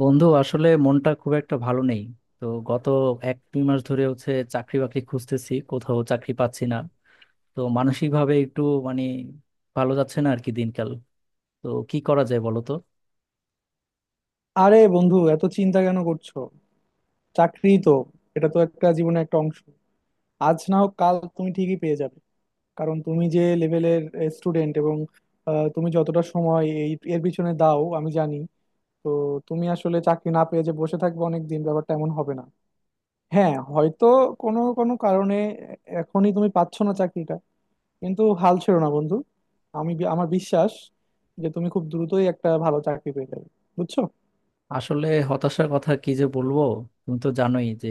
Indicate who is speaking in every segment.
Speaker 1: বন্ধু আসলে মনটা খুব একটা ভালো নেই। তো গত এক দুই মাস ধরে হচ্ছে চাকরি বাকরি খুঁজতেছি, কোথাও চাকরি পাচ্ছি না। তো মানসিক ভাবে একটু মানে ভালো যাচ্ছে না আর কি দিনকাল। তো কি করা যায় বলো তো?
Speaker 2: আরে বন্ধু, এত চিন্তা কেন করছো? চাকরি তো, এটা তো একটা জীবনের একটা অংশ। আজ না হোক কাল তুমি ঠিকই পেয়ে যাবে। কারণ তুমি যে লেভেলের স্টুডেন্ট, এবং তুমি যতটা সময় এর পিছনে দাও আমি জানি। তো তুমি আসলে চাকরি না পেয়ে যে বসে থাকবে অনেক দিন, ব্যাপারটা এমন হবে না। হ্যাঁ, হয়তো কোনো কোনো কারণে এখনই তুমি পাচ্ছ না চাকরিটা, কিন্তু হাল ছেড়ো না বন্ধু। আমার বিশ্বাস যে তুমি খুব দ্রুতই একটা ভালো চাকরি পেয়ে যাবে। বুঝছো?
Speaker 1: আসলে হতাশার কথা কি যে বলবো। তুমি তো জানোই যে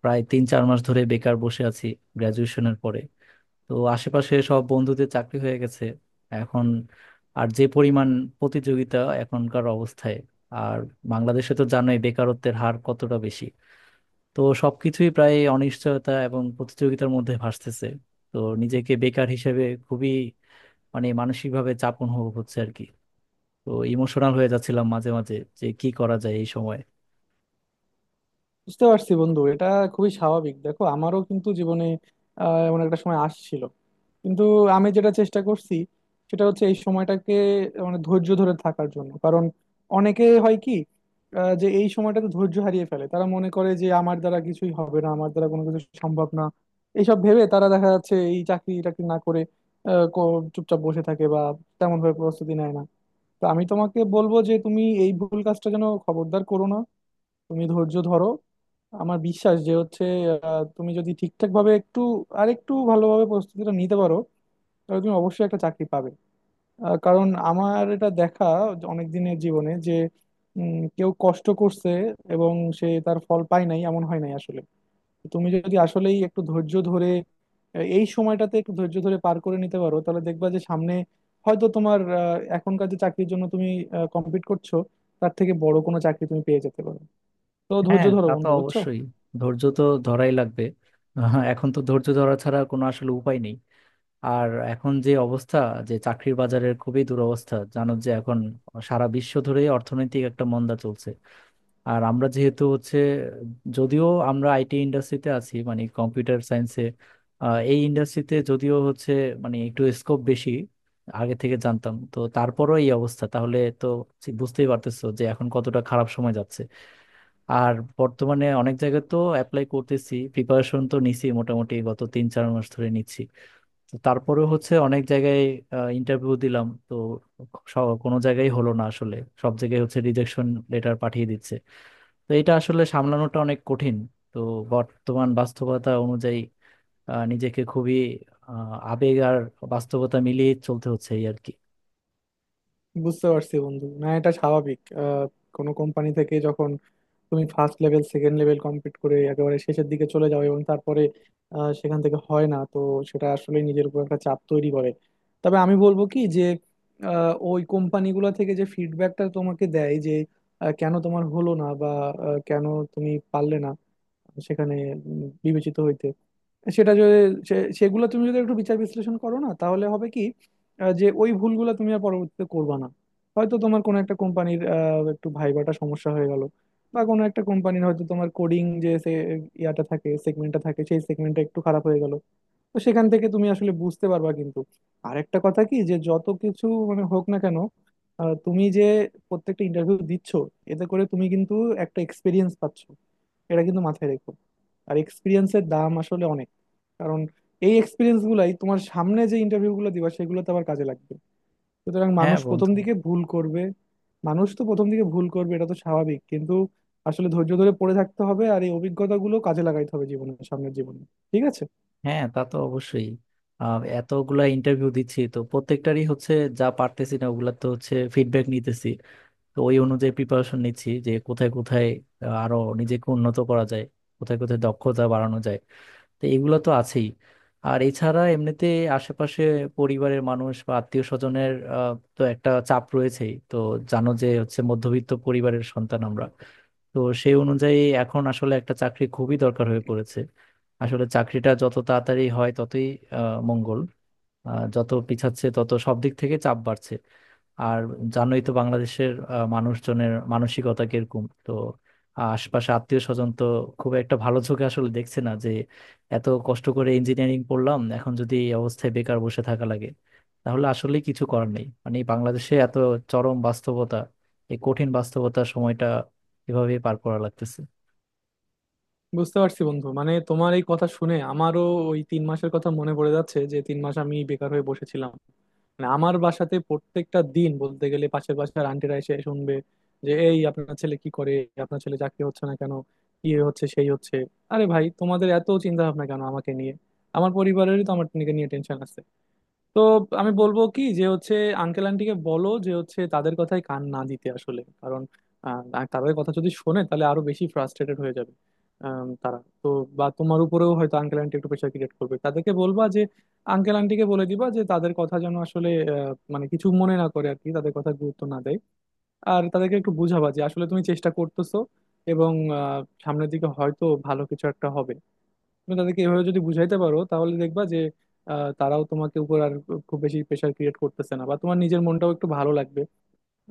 Speaker 1: প্রায় তিন চার মাস ধরে বেকার বসে আছি গ্রাজুয়েশনের পরে। তো আশেপাশে সব বন্ধুদের চাকরি হয়ে গেছে এখন। আর যে পরিমাণ প্রতিযোগিতা এখনকার অবস্থায়, আর বাংলাদেশে তো জানোই বেকারত্বের হার কতটা বেশি। তো সবকিছুই প্রায় অনিশ্চয়তা এবং প্রতিযোগিতার মধ্যে ভাসতেছে। তো নিজেকে বেকার হিসেবে খুবই মানে মানসিকভাবে চাপ অনুভব হচ্ছে আর কি। তো ইমোশনাল হয়ে যাচ্ছিলাম মাঝে মাঝে, যে কি করা যায় এই সময়।
Speaker 2: বুঝতে পারছি বন্ধু, এটা খুবই স্বাভাবিক। দেখো, আমারও কিন্তু জীবনে এমন একটা সময় আসছিল। কিন্তু আমি যেটা চেষ্টা করছি, সেটা হচ্ছে এই সময়টাকে মানে ধৈর্য ধরে থাকার জন্য। কারণ অনেকে হয় কি, যে এই সময়টাতে ধৈর্য হারিয়ে ফেলে, তারা মনে করে যে আমার দ্বারা কিছুই হবে না, আমার দ্বারা কোনো কিছু সম্ভব না। এইসব ভেবে তারা দেখা যাচ্ছে এই চাকরি টাকরি না করে চুপচাপ বসে থাকে বা তেমন ভাবে প্রস্তুতি নেয় না। তো আমি তোমাকে বলবো যে তুমি এই ভুল কাজটা যেন খবরদার করো না। তুমি ধৈর্য ধরো। আমার বিশ্বাস যে হচ্ছে, তুমি যদি ঠিকঠাক ভাবে একটু আর একটু ভালোভাবে প্রস্তুতিটা নিতে পারো তাহলে তুমি অবশ্যই একটা চাকরি পাবে। কারণ আমার এটা দেখা অনেক দিনের জীবনে যে কেউ কষ্ট করছে এবং সে তার ফল পায় নাই এমন হয় নাই আসলে। তুমি যদি আসলেই একটু ধৈর্য ধরে এই সময়টাতে একটু ধৈর্য ধরে পার করে নিতে পারো তাহলে দেখবা যে সামনে হয়তো তোমার এখনকার যে চাকরির জন্য তুমি কম্পিট করছো তার থেকে বড় কোনো চাকরি তুমি পেয়ে যেতে পারো। তো ধৈর্য
Speaker 1: হ্যাঁ,
Speaker 2: ধরো
Speaker 1: তা তো
Speaker 2: বন্ধু, বুঝছো?
Speaker 1: অবশ্যই, ধৈর্য তো ধরাই লাগবে। হ্যাঁ, এখন তো ধৈর্য ধরা ছাড়া কোনো আসলে উপায় নেই। আর এখন যে অবস্থা, যে চাকরির বাজারের খুবই দুরবস্থা, জানো যে এখন সারা বিশ্ব ধরেই অর্থনৈতিক একটা মন্দা চলছে। আর আমরা যেহেতু হচ্ছে, যদিও আমরা আইটি ইন্ডাস্ট্রিতে আছি মানে কম্পিউটার সায়েন্সে, এই ইন্ডাস্ট্রিতে যদিও হচ্ছে মানে একটু স্কোপ বেশি আগে থেকে জানতাম, তো তারপরও এই অবস্থা, তাহলে তো বুঝতেই পারতেছো যে এখন কতটা খারাপ সময় যাচ্ছে। আর বর্তমানে অনেক জায়গায় তো অ্যাপ্লাই করতেছি, প্রিপারেশন তো নিছি মোটামুটি গত তিন চার মাস ধরে নিচ্ছি। তো তারপরেও হচ্ছে অনেক জায়গায় ইন্টারভিউ দিলাম তো কোনো জায়গায় হলো না আসলে। সব জায়গায় হচ্ছে রিজেকশন লেটার পাঠিয়ে দিচ্ছে। তো এটা আসলে সামলানোটা অনেক কঠিন। তো বর্তমান বাস্তবতা অনুযায়ী নিজেকে খুবই আবেগ আর বাস্তবতা মিলিয়ে চলতে হচ্ছে এই আর কি।
Speaker 2: বুঝতে পারছি বন্ধু, না এটা স্বাভাবিক। কোনো কোম্পানি থেকে যখন তুমি first level second level complete করে একেবারে শেষের দিকে চলে যাও এবং তারপরে সেখান থেকে হয় না, তো সেটা আসলে নিজের উপর একটা চাপ তৈরি করে। তবে আমি বলবো কি যে ওই কোম্পানিগুলো থেকে যে ফিডব্যাকটা তোমাকে দেয় যে কেন তোমার হলো না বা কেন তুমি পারলে না সেখানে বিবেচিত হইতে, সেটা যদি সেগুলো তুমি যদি একটু বিচার বিশ্লেষণ করো না তাহলে হবে কি যে ওই ভুলগুলো তুমি আর পরবর্তীতে করবা না। হয়তো তোমার কোনো একটা কোম্পানির একটু ভাইবাটা সমস্যা হয়ে গেল, বা কোনো একটা কোম্পানির হয়তো তোমার কোডিং যে সে ইয়াটা থাকে সেগমেন্টটা থাকে, সেই সেগমেন্টটা একটু খারাপ হয়ে গেল। তো সেখান থেকে তুমি আসলে বুঝতে পারবা কিন্তু। আর একটা কথা কি যে যত কিছু মানে হোক না কেন, তুমি যে প্রত্যেকটা ইন্টারভিউ দিচ্ছ এতে করে তুমি কিন্তু একটা এক্সপিরিয়েন্স পাচ্ছ, এটা কিন্তু মাথায় রেখো। আর এক্সপিরিয়েন্সের দাম আসলে অনেক। কারণ এই এক্সপিরিয়েন্স গুলাই তোমার সামনে যে ইন্টারভিউ গুলো দিবা সেগুলোতে আবার কাজে লাগবে। সুতরাং
Speaker 1: হ্যাঁ
Speaker 2: মানুষ প্রথম
Speaker 1: বন্ধু।
Speaker 2: দিকে ভুল করবে। মানুষ তো প্রথম দিকে ভুল করবে, এটা তো স্বাভাবিক। কিন্তু আসলে ধৈর্য ধরে পড়ে থাকতে হবে, আর এই অভিজ্ঞতাগুলো কাজে লাগাইতে হবে জীবনের সামনের জীবনে। ঠিক আছে?
Speaker 1: হ্যাঁ, তা তো অবশ্যই। এতগুলা ইন্টারভিউ দিচ্ছি তো প্রত্যেকটারই হচ্ছে, যা পারতেছি না ওগুলা তো হচ্ছে ফিডব্যাক নিতেছি। তো ওই অনুযায়ী প্রিপারেশন নিচ্ছি যে কোথায় কোথায় আরো নিজেকে উন্নত করা যায়, কোথায় কোথায় দক্ষতা বাড়ানো যায়। তো এগুলো তো আছেই। আর এছাড়া এমনিতে আশেপাশে পরিবারের মানুষ বা আত্মীয় স্বজনের তো একটা চাপ রয়েছেই তো। জানো যে হচ্ছে মধ্যবিত্ত পরিবারের সন্তান আমরা, তো সেই অনুযায়ী এখন আসলে একটা চাকরি খুবই দরকার হয়ে পড়েছে। আসলে চাকরিটা যত তাড়াতাড়ি হয় ততই মঙ্গল। যত পিছাচ্ছে তত সব দিক থেকে চাপ বাড়ছে। আর জানোই তো বাংলাদেশের মানুষজনের মানসিকতা কিরকম তো। আশপাশে আত্মীয় স্বজন তো খুব একটা ভালো চোখে আসলে দেখছে না, যে এত কষ্ট করে ইঞ্জিনিয়ারিং পড়লাম এখন যদি এই অবস্থায় বেকার বসে থাকা লাগে তাহলে আসলে কিছু করার নেই মানে, এই বাংলাদেশে এত চরম বাস্তবতা, এই কঠিন বাস্তবতার সময়টা এভাবেই পার করা লাগতেছে।
Speaker 2: বুঝতে পারছি বন্ধু, মানে তোমার এই কথা শুনে আমারও ওই তিন মাসের কথা মনে পড়ে যাচ্ছে, যে তিন মাস আমি বেকার হয়ে বসেছিলাম। মানে আমার বাসাতে প্রত্যেকটা দিন বলতে গেলে পাশের বাসার আন্টিরা এসে শুনবে যে, এই আপনার ছেলে কি করে, আপনার ছেলে চাকরি হচ্ছে না কেন, কি হচ্ছে সেই হচ্ছে। আরে ভাই, তোমাদের এত চিন্তা ভাবনা কেন আমাকে নিয়ে? আমার পরিবারেরই তো আমার নিয়ে টেনশন আছে। তো আমি বলবো কি যে হচ্ছে, আঙ্কেল আন্টিকে বলো যে হচ্ছে তাদের কথায় কান না দিতে আসলে। কারণ আর তাদের কথা যদি শোনে তাহলে আরো বেশি ফ্রাস্ট্রেটেড হয়ে যাবে। তারা তো বা তোমার উপরেও হয়তো আঙ্কেল আন্টি একটু প্রেশার ক্রিয়েট করবে, তাদেরকে বলবা যে আঙ্কেল আন্টিকে বলে দিবা যে তাদের কথা যেন আসলে মানে কিছু মনে না করে আর কি, তাদের কথা গুরুত্ব না দেয়। আর তাদেরকে একটু বুঝাবা যে আসলে তুমি চেষ্টা করতেছো এবং সামনের দিকে হয়তো ভালো কিছু একটা হবে। তুমি তাদেরকে এভাবে যদি বুঝাইতে পারো তাহলে দেখবা যে তারাও তোমাকে উপর আর খুব বেশি প্রেশার ক্রিয়েট করতেছে না, বা তোমার নিজের মনটাও একটু ভালো লাগবে।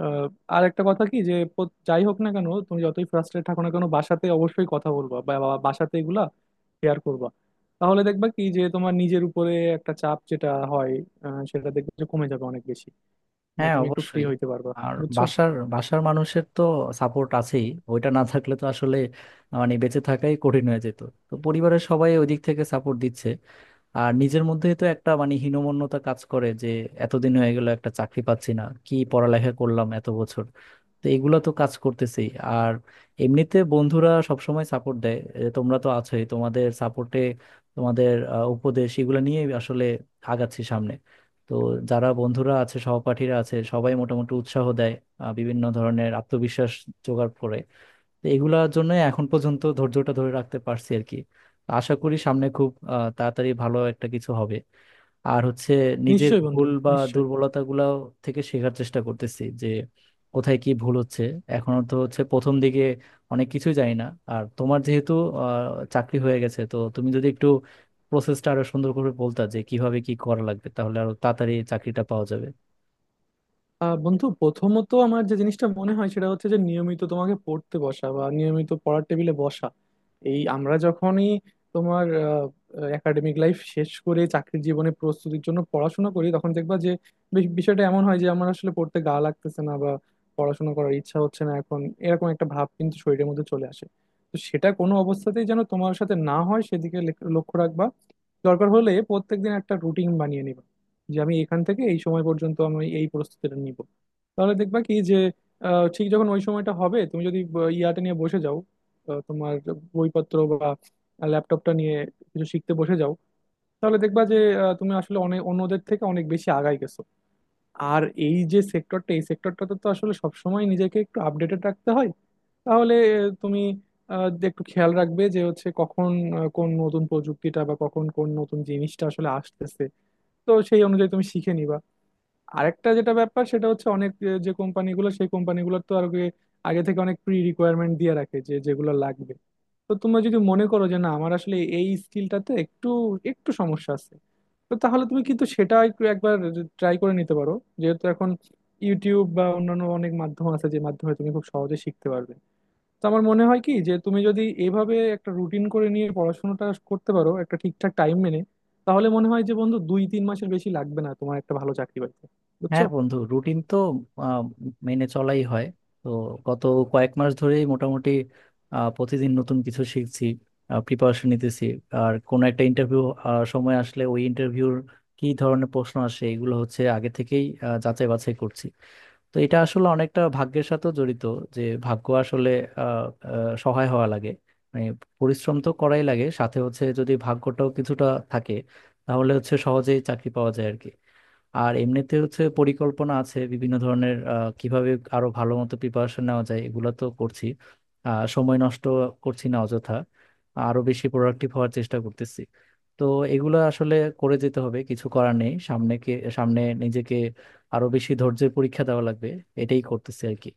Speaker 2: আহ, আর একটা কথা কি যে যাই হোক না কেন তুমি যতই ফ্রাস্ট্রেট থাকো না কেন বাসাতে অবশ্যই কথা বলবা, বা বা- বাসাতে এগুলা শেয়ার করবা। তাহলে দেখবা কি যে তোমার নিজের উপরে একটা চাপ যেটা হয় সেটা দেখবে যে কমে যাবে অনেক বেশি।
Speaker 1: হ্যাঁ,
Speaker 2: তুমি একটু ফ্রি
Speaker 1: অবশ্যই।
Speaker 2: হইতে পারবা,
Speaker 1: আর
Speaker 2: বুঝছো?
Speaker 1: বাসার বাসার মানুষের তো সাপোর্ট আছেই। ওইটা না থাকলে তো আসলে মানে বেঁচে থাকাই কঠিন হয়ে যেত। তো পরিবারের সবাই ওই দিক থেকে সাপোর্ট দিচ্ছে। আর নিজের মধ্যে তো একটা মানে হীনমন্যতা কাজ করে, যে এতদিন হয়ে গেল একটা চাকরি পাচ্ছি না, কি পড়ালেখা করলাম এত বছর। তো এগুলা তো কাজ করতেছি। আর এমনিতে বন্ধুরা সবসময় সাপোর্ট দেয়। তোমরা তো আছোই, তোমাদের সাপোর্টে, তোমাদের উপদেশ এগুলো নিয়ে আসলে আগাচ্ছি সামনে। তো যারা বন্ধুরা আছে সহপাঠীরা আছে সবাই মোটামুটি উৎসাহ দেয়, বিভিন্ন ধরনের আত্মবিশ্বাস জোগাড় করে। তো এগুলার জন্য এখন পর্যন্ত ধৈর্যটা ধরে রাখতে পারছি আর কি। আশা করি সামনে খুব তাড়াতাড়ি ভালো একটা কিছু হবে। আর হচ্ছে নিজের
Speaker 2: নিশ্চয়ই বন্ধু,
Speaker 1: ভুল বা
Speaker 2: নিশ্চয়ই।
Speaker 1: দুর্বলতা গুলা থেকে শেখার চেষ্টা করতেছি, যে কোথায় কি ভুল হচ্ছে। এখনো তো হচ্ছে প্রথম দিকে অনেক কিছুই জানি না। আর তোমার যেহেতু চাকরি হয়ে গেছে তো তুমি যদি একটু প্রসেসটা আরো সুন্দর করে বলতা যে কিভাবে কি করা লাগবে তাহলে আরো তাড়াতাড়ি চাকরিটা পাওয়া যাবে।
Speaker 2: বন্ধু, প্রথমত আমার যে জিনিসটা মনে হয় সেটা হচ্ছে যে নিয়মিত তোমাকে পড়তে বসা বা নিয়মিত পড়ার টেবিলে বসা। এই আমরা যখনই তোমার একাডেমিক লাইফ শেষ করে চাকরির জীবনে প্রস্তুতির জন্য পড়াশোনা করি, তখন দেখবা যে বিষয়টা এমন হয় যে আমার আসলে পড়তে গা লাগতেছে না বা পড়াশোনা করার ইচ্ছা হচ্ছে না এখন। এরকম একটা ভাব কিন্তু শরীরের মধ্যে চলে আসে। তো সেটা কোনো অবস্থাতেই যেন তোমার সাথে না হয় সেদিকে লক্ষ্য রাখবা। দরকার হলে প্রত্যেকদিন একটা রুটিন বানিয়ে নিবা, যে আমি এখান থেকে এই সময় পর্যন্ত আমি এই প্রস্তুতিটা নিব। তাহলে দেখবা কি যে ঠিক যখন ওই সময়টা হবে তুমি যদি ইয়াটা নিয়ে বসে যাও, তোমার বইপত্র বা ল্যাপটপটা নিয়ে কিছু শিখতে বসে যাও, তাহলে দেখবা যে তুমি আসলে অনেক অন্যদের থেকে অনেক বেশি আগায় গেছো। আর এই যে সেক্টরটা, এই সেক্টরটাতে তো আসলে সবসময় নিজেকে একটু আপডেটেড রাখতে হয়। তাহলে আহ, তুমি একটু খেয়াল রাখবে যে হচ্ছে কখন কোন নতুন প্রযুক্তিটা বা কখন কোন নতুন জিনিসটা আসলে আসতেছে। তো সেই অনুযায়ী তুমি শিখে নিবা। আরেকটা যেটা ব্যাপার সেটা হচ্ছে অনেক, যে কোম্পানিগুলো সেই কোম্পানিগুলোর তো আর আগে আগে থেকে অনেক প্রি রিকোয়ারমেন্ট দিয়ে রাখে যে যেগুলো লাগবে। তো তোমরা যদি মনে করো যে না আমার আসলে এই স্কিলটাতে একটু একটু সমস্যা আছে, তো তাহলে তুমি কিন্তু সেটা একটু একবার ট্রাই করে নিতে পারো। যেহেতু এখন ইউটিউব বা অন্যান্য অনেক মাধ্যম আছে যে মাধ্যমে তুমি খুব সহজে শিখতে পারবে। তো আমার মনে হয় কি যে তুমি যদি এভাবে একটা রুটিন করে নিয়ে পড়াশোনাটা করতে পারো একটা ঠিকঠাক টাইম মেনে, তাহলে মনে হয় যে বন্ধু দুই তিন মাসের বেশি লাগবে না তোমার একটা ভালো চাকরি পাইতে। বুঝছো?
Speaker 1: হ্যাঁ বন্ধু, রুটিন তো আহ, মেনে চলাই হয়। তো গত কয়েক মাস ধরেই মোটামুটি প্রতিদিন নতুন কিছু শিখছি, প্রিপারেশন নিতেছি। আর কোনো একটা ইন্টারভিউ সময় আসলে ওই ইন্টারভিউর কি ধরনের প্রশ্ন আসে এগুলো হচ্ছে আগে থেকেই যাচাই বাছাই করছি। তো এটা আসলে অনেকটা ভাগ্যের সাথেও জড়িত, যে ভাগ্য আসলে আহ, আহ, সহায় হওয়া লাগে। মানে পরিশ্রম তো করাই লাগে, সাথে হচ্ছে যদি ভাগ্যটাও কিছুটা থাকে, তাহলে হচ্ছে সহজেই চাকরি পাওয়া যায় আর কি। আর এমনিতে হচ্ছে পরিকল্পনা আছে বিভিন্ন ধরনের, কিভাবে আরো ভালো মতো প্রিপারেশন নেওয়া যায় এগুলো তো করছি। সময় নষ্ট করছি না অযথা, আরো বেশি প্রোডাক্টিভ হওয়ার চেষ্টা করতেছি। তো এগুলো আসলে করে যেতে হবে, কিছু করার নেই। সামনে কে, সামনে নিজেকে আরো বেশি ধৈর্যের পরীক্ষা দেওয়া লাগবে, এটাই করতেছি আর কি।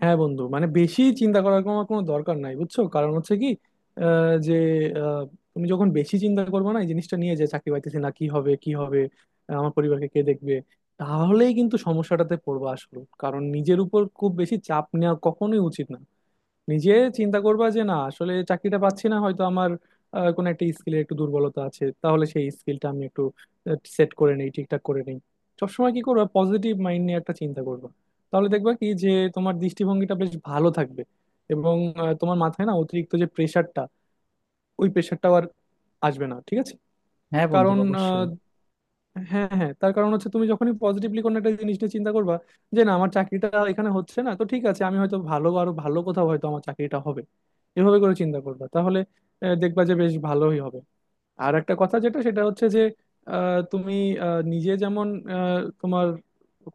Speaker 2: হ্যাঁ বন্ধু, মানে বেশি চিন্তা করার কোনো কোনো দরকার নাই, বুঝছো? কারণ হচ্ছে কি, আহ, যে আহ, তুমি যখন বেশি চিন্তা করবে না এই জিনিসটা নিয়ে যে চাকরি পাইতেছি না কি হবে কি হবে, আমার পরিবারকে কে দেখবে, তাহলেই কিন্তু সমস্যাটাতে পড়বা আসলে। কারণ নিজের উপর খুব বেশি চাপ নেওয়া কখনোই উচিত না। নিজে চিন্তা করবা যে না আসলে চাকরিটা পাচ্ছি না, হয়তো আমার কোনো একটা স্কিলের একটু দুর্বলতা আছে, তাহলে সেই স্কিলটা আমি একটু সেট করে নেই, ঠিকঠাক করে নেই। সবসময় কি করবা, পজিটিভ মাইন্ড নিয়ে একটা চিন্তা করবা। তাহলে দেখবা কি যে তোমার দৃষ্টিভঙ্গিটা বেশ ভালো থাকবে, এবং তোমার মাথায় না অতিরিক্ত যে প্রেশারটা, ওই প্রেশারটাও আর আসবে না। ঠিক আছে?
Speaker 1: হ্যাঁ বন্ধু
Speaker 2: কারণ
Speaker 1: অবশ্যই।
Speaker 2: হ্যাঁ, হ্যাঁ, তার কারণ হচ্ছে তুমি যখনই পজিটিভলি কোনো একটা জিনিস নিয়ে চিন্তা করবা, যে না আমার চাকরিটা এখানে হচ্ছে না তো ঠিক আছে, আমি হয়তো আরো ভালো কোথাও হয়তো আমার চাকরিটা হবে, এভাবে করে চিন্তা করবা, তাহলে দেখবা যে বেশ ভালোই হবে। আর একটা কথা যেটা সেটা হচ্ছে যে আহ, তুমি নিজে যেমন তোমার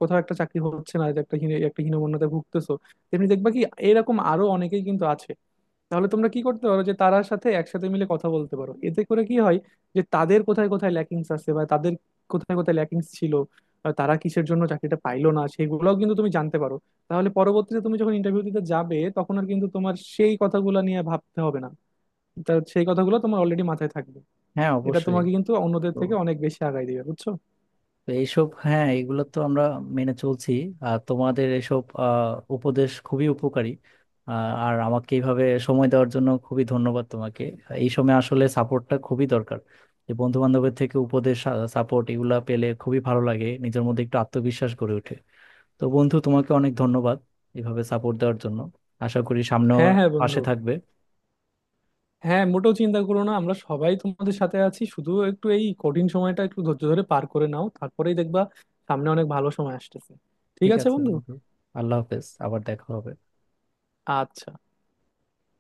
Speaker 2: কোথাও একটা চাকরি হচ্ছে না যে একটা হীনমন্যতায় ভুগতেছো, তেমনি দেখবা কি এরকম আরো অনেকেই কিন্তু আছে। তাহলে তোমরা কি করতে পারো, যে তারার সাথে একসাথে মিলে কথা বলতে পারো। এতে করে কি হয়, যে তাদের কোথায় কোথায় ল্যাকিংস আছে বা তাদের কোথায় কোথায় ল্যাকিংস ছিল, বা তারা কিসের জন্য চাকরিটা পাইলো না সেগুলোও কিন্তু তুমি জানতে পারো। তাহলে পরবর্তীতে তুমি যখন ইন্টারভিউ দিতে যাবে তখন আর কিন্তু তোমার সেই কথাগুলো নিয়ে ভাবতে হবে না, তা সেই কথাগুলো তোমার অলরেডি মাথায় থাকবে।
Speaker 1: হ্যাঁ
Speaker 2: এটা
Speaker 1: অবশ্যই।
Speaker 2: তোমাকে কিন্তু অন্যদের
Speaker 1: তো
Speaker 2: থেকে অনেক বেশি আগায় দিবে, বুঝছো?
Speaker 1: তো এইসব, হ্যাঁ, এগুলো তো আমরা মেনে চলছি। আর তোমাদের এসব উপদেশ খুবই উপকারী। আহ, আর আমাকে এইভাবে সময় দেওয়ার জন্য খুবই ধন্যবাদ তোমাকে। এই সময় আসলে সাপোর্টটা খুবই দরকার, যে বন্ধু বান্ধবের থেকে উপদেশ সাপোর্ট এগুলা পেলে খুবই ভালো লাগে, নিজের মধ্যে একটু আত্মবিশ্বাস গড়ে ওঠে। তো বন্ধু তোমাকে অনেক ধন্যবাদ এভাবে সাপোর্ট দেওয়ার জন্য। আশা করি সামনেও
Speaker 2: হ্যাঁ, হ্যাঁ, বন্ধু।
Speaker 1: পাশে থাকবে।
Speaker 2: হ্যাঁ, মোটেও চিন্তা করো না, আমরা সবাই তোমাদের সাথে আছি, শুধু একটু এই কঠিন সময়টা একটু ধৈর্য ধরে পার করে নাও, তারপরেই দেখবা সামনে অনেক ভালো সময় আসতেছে। ঠিক
Speaker 1: ঠিক
Speaker 2: আছে
Speaker 1: আছে
Speaker 2: বন্ধু?
Speaker 1: বন্ধু, আল্লাহ হাফেজ, আবার দেখা হবে।
Speaker 2: আচ্ছা।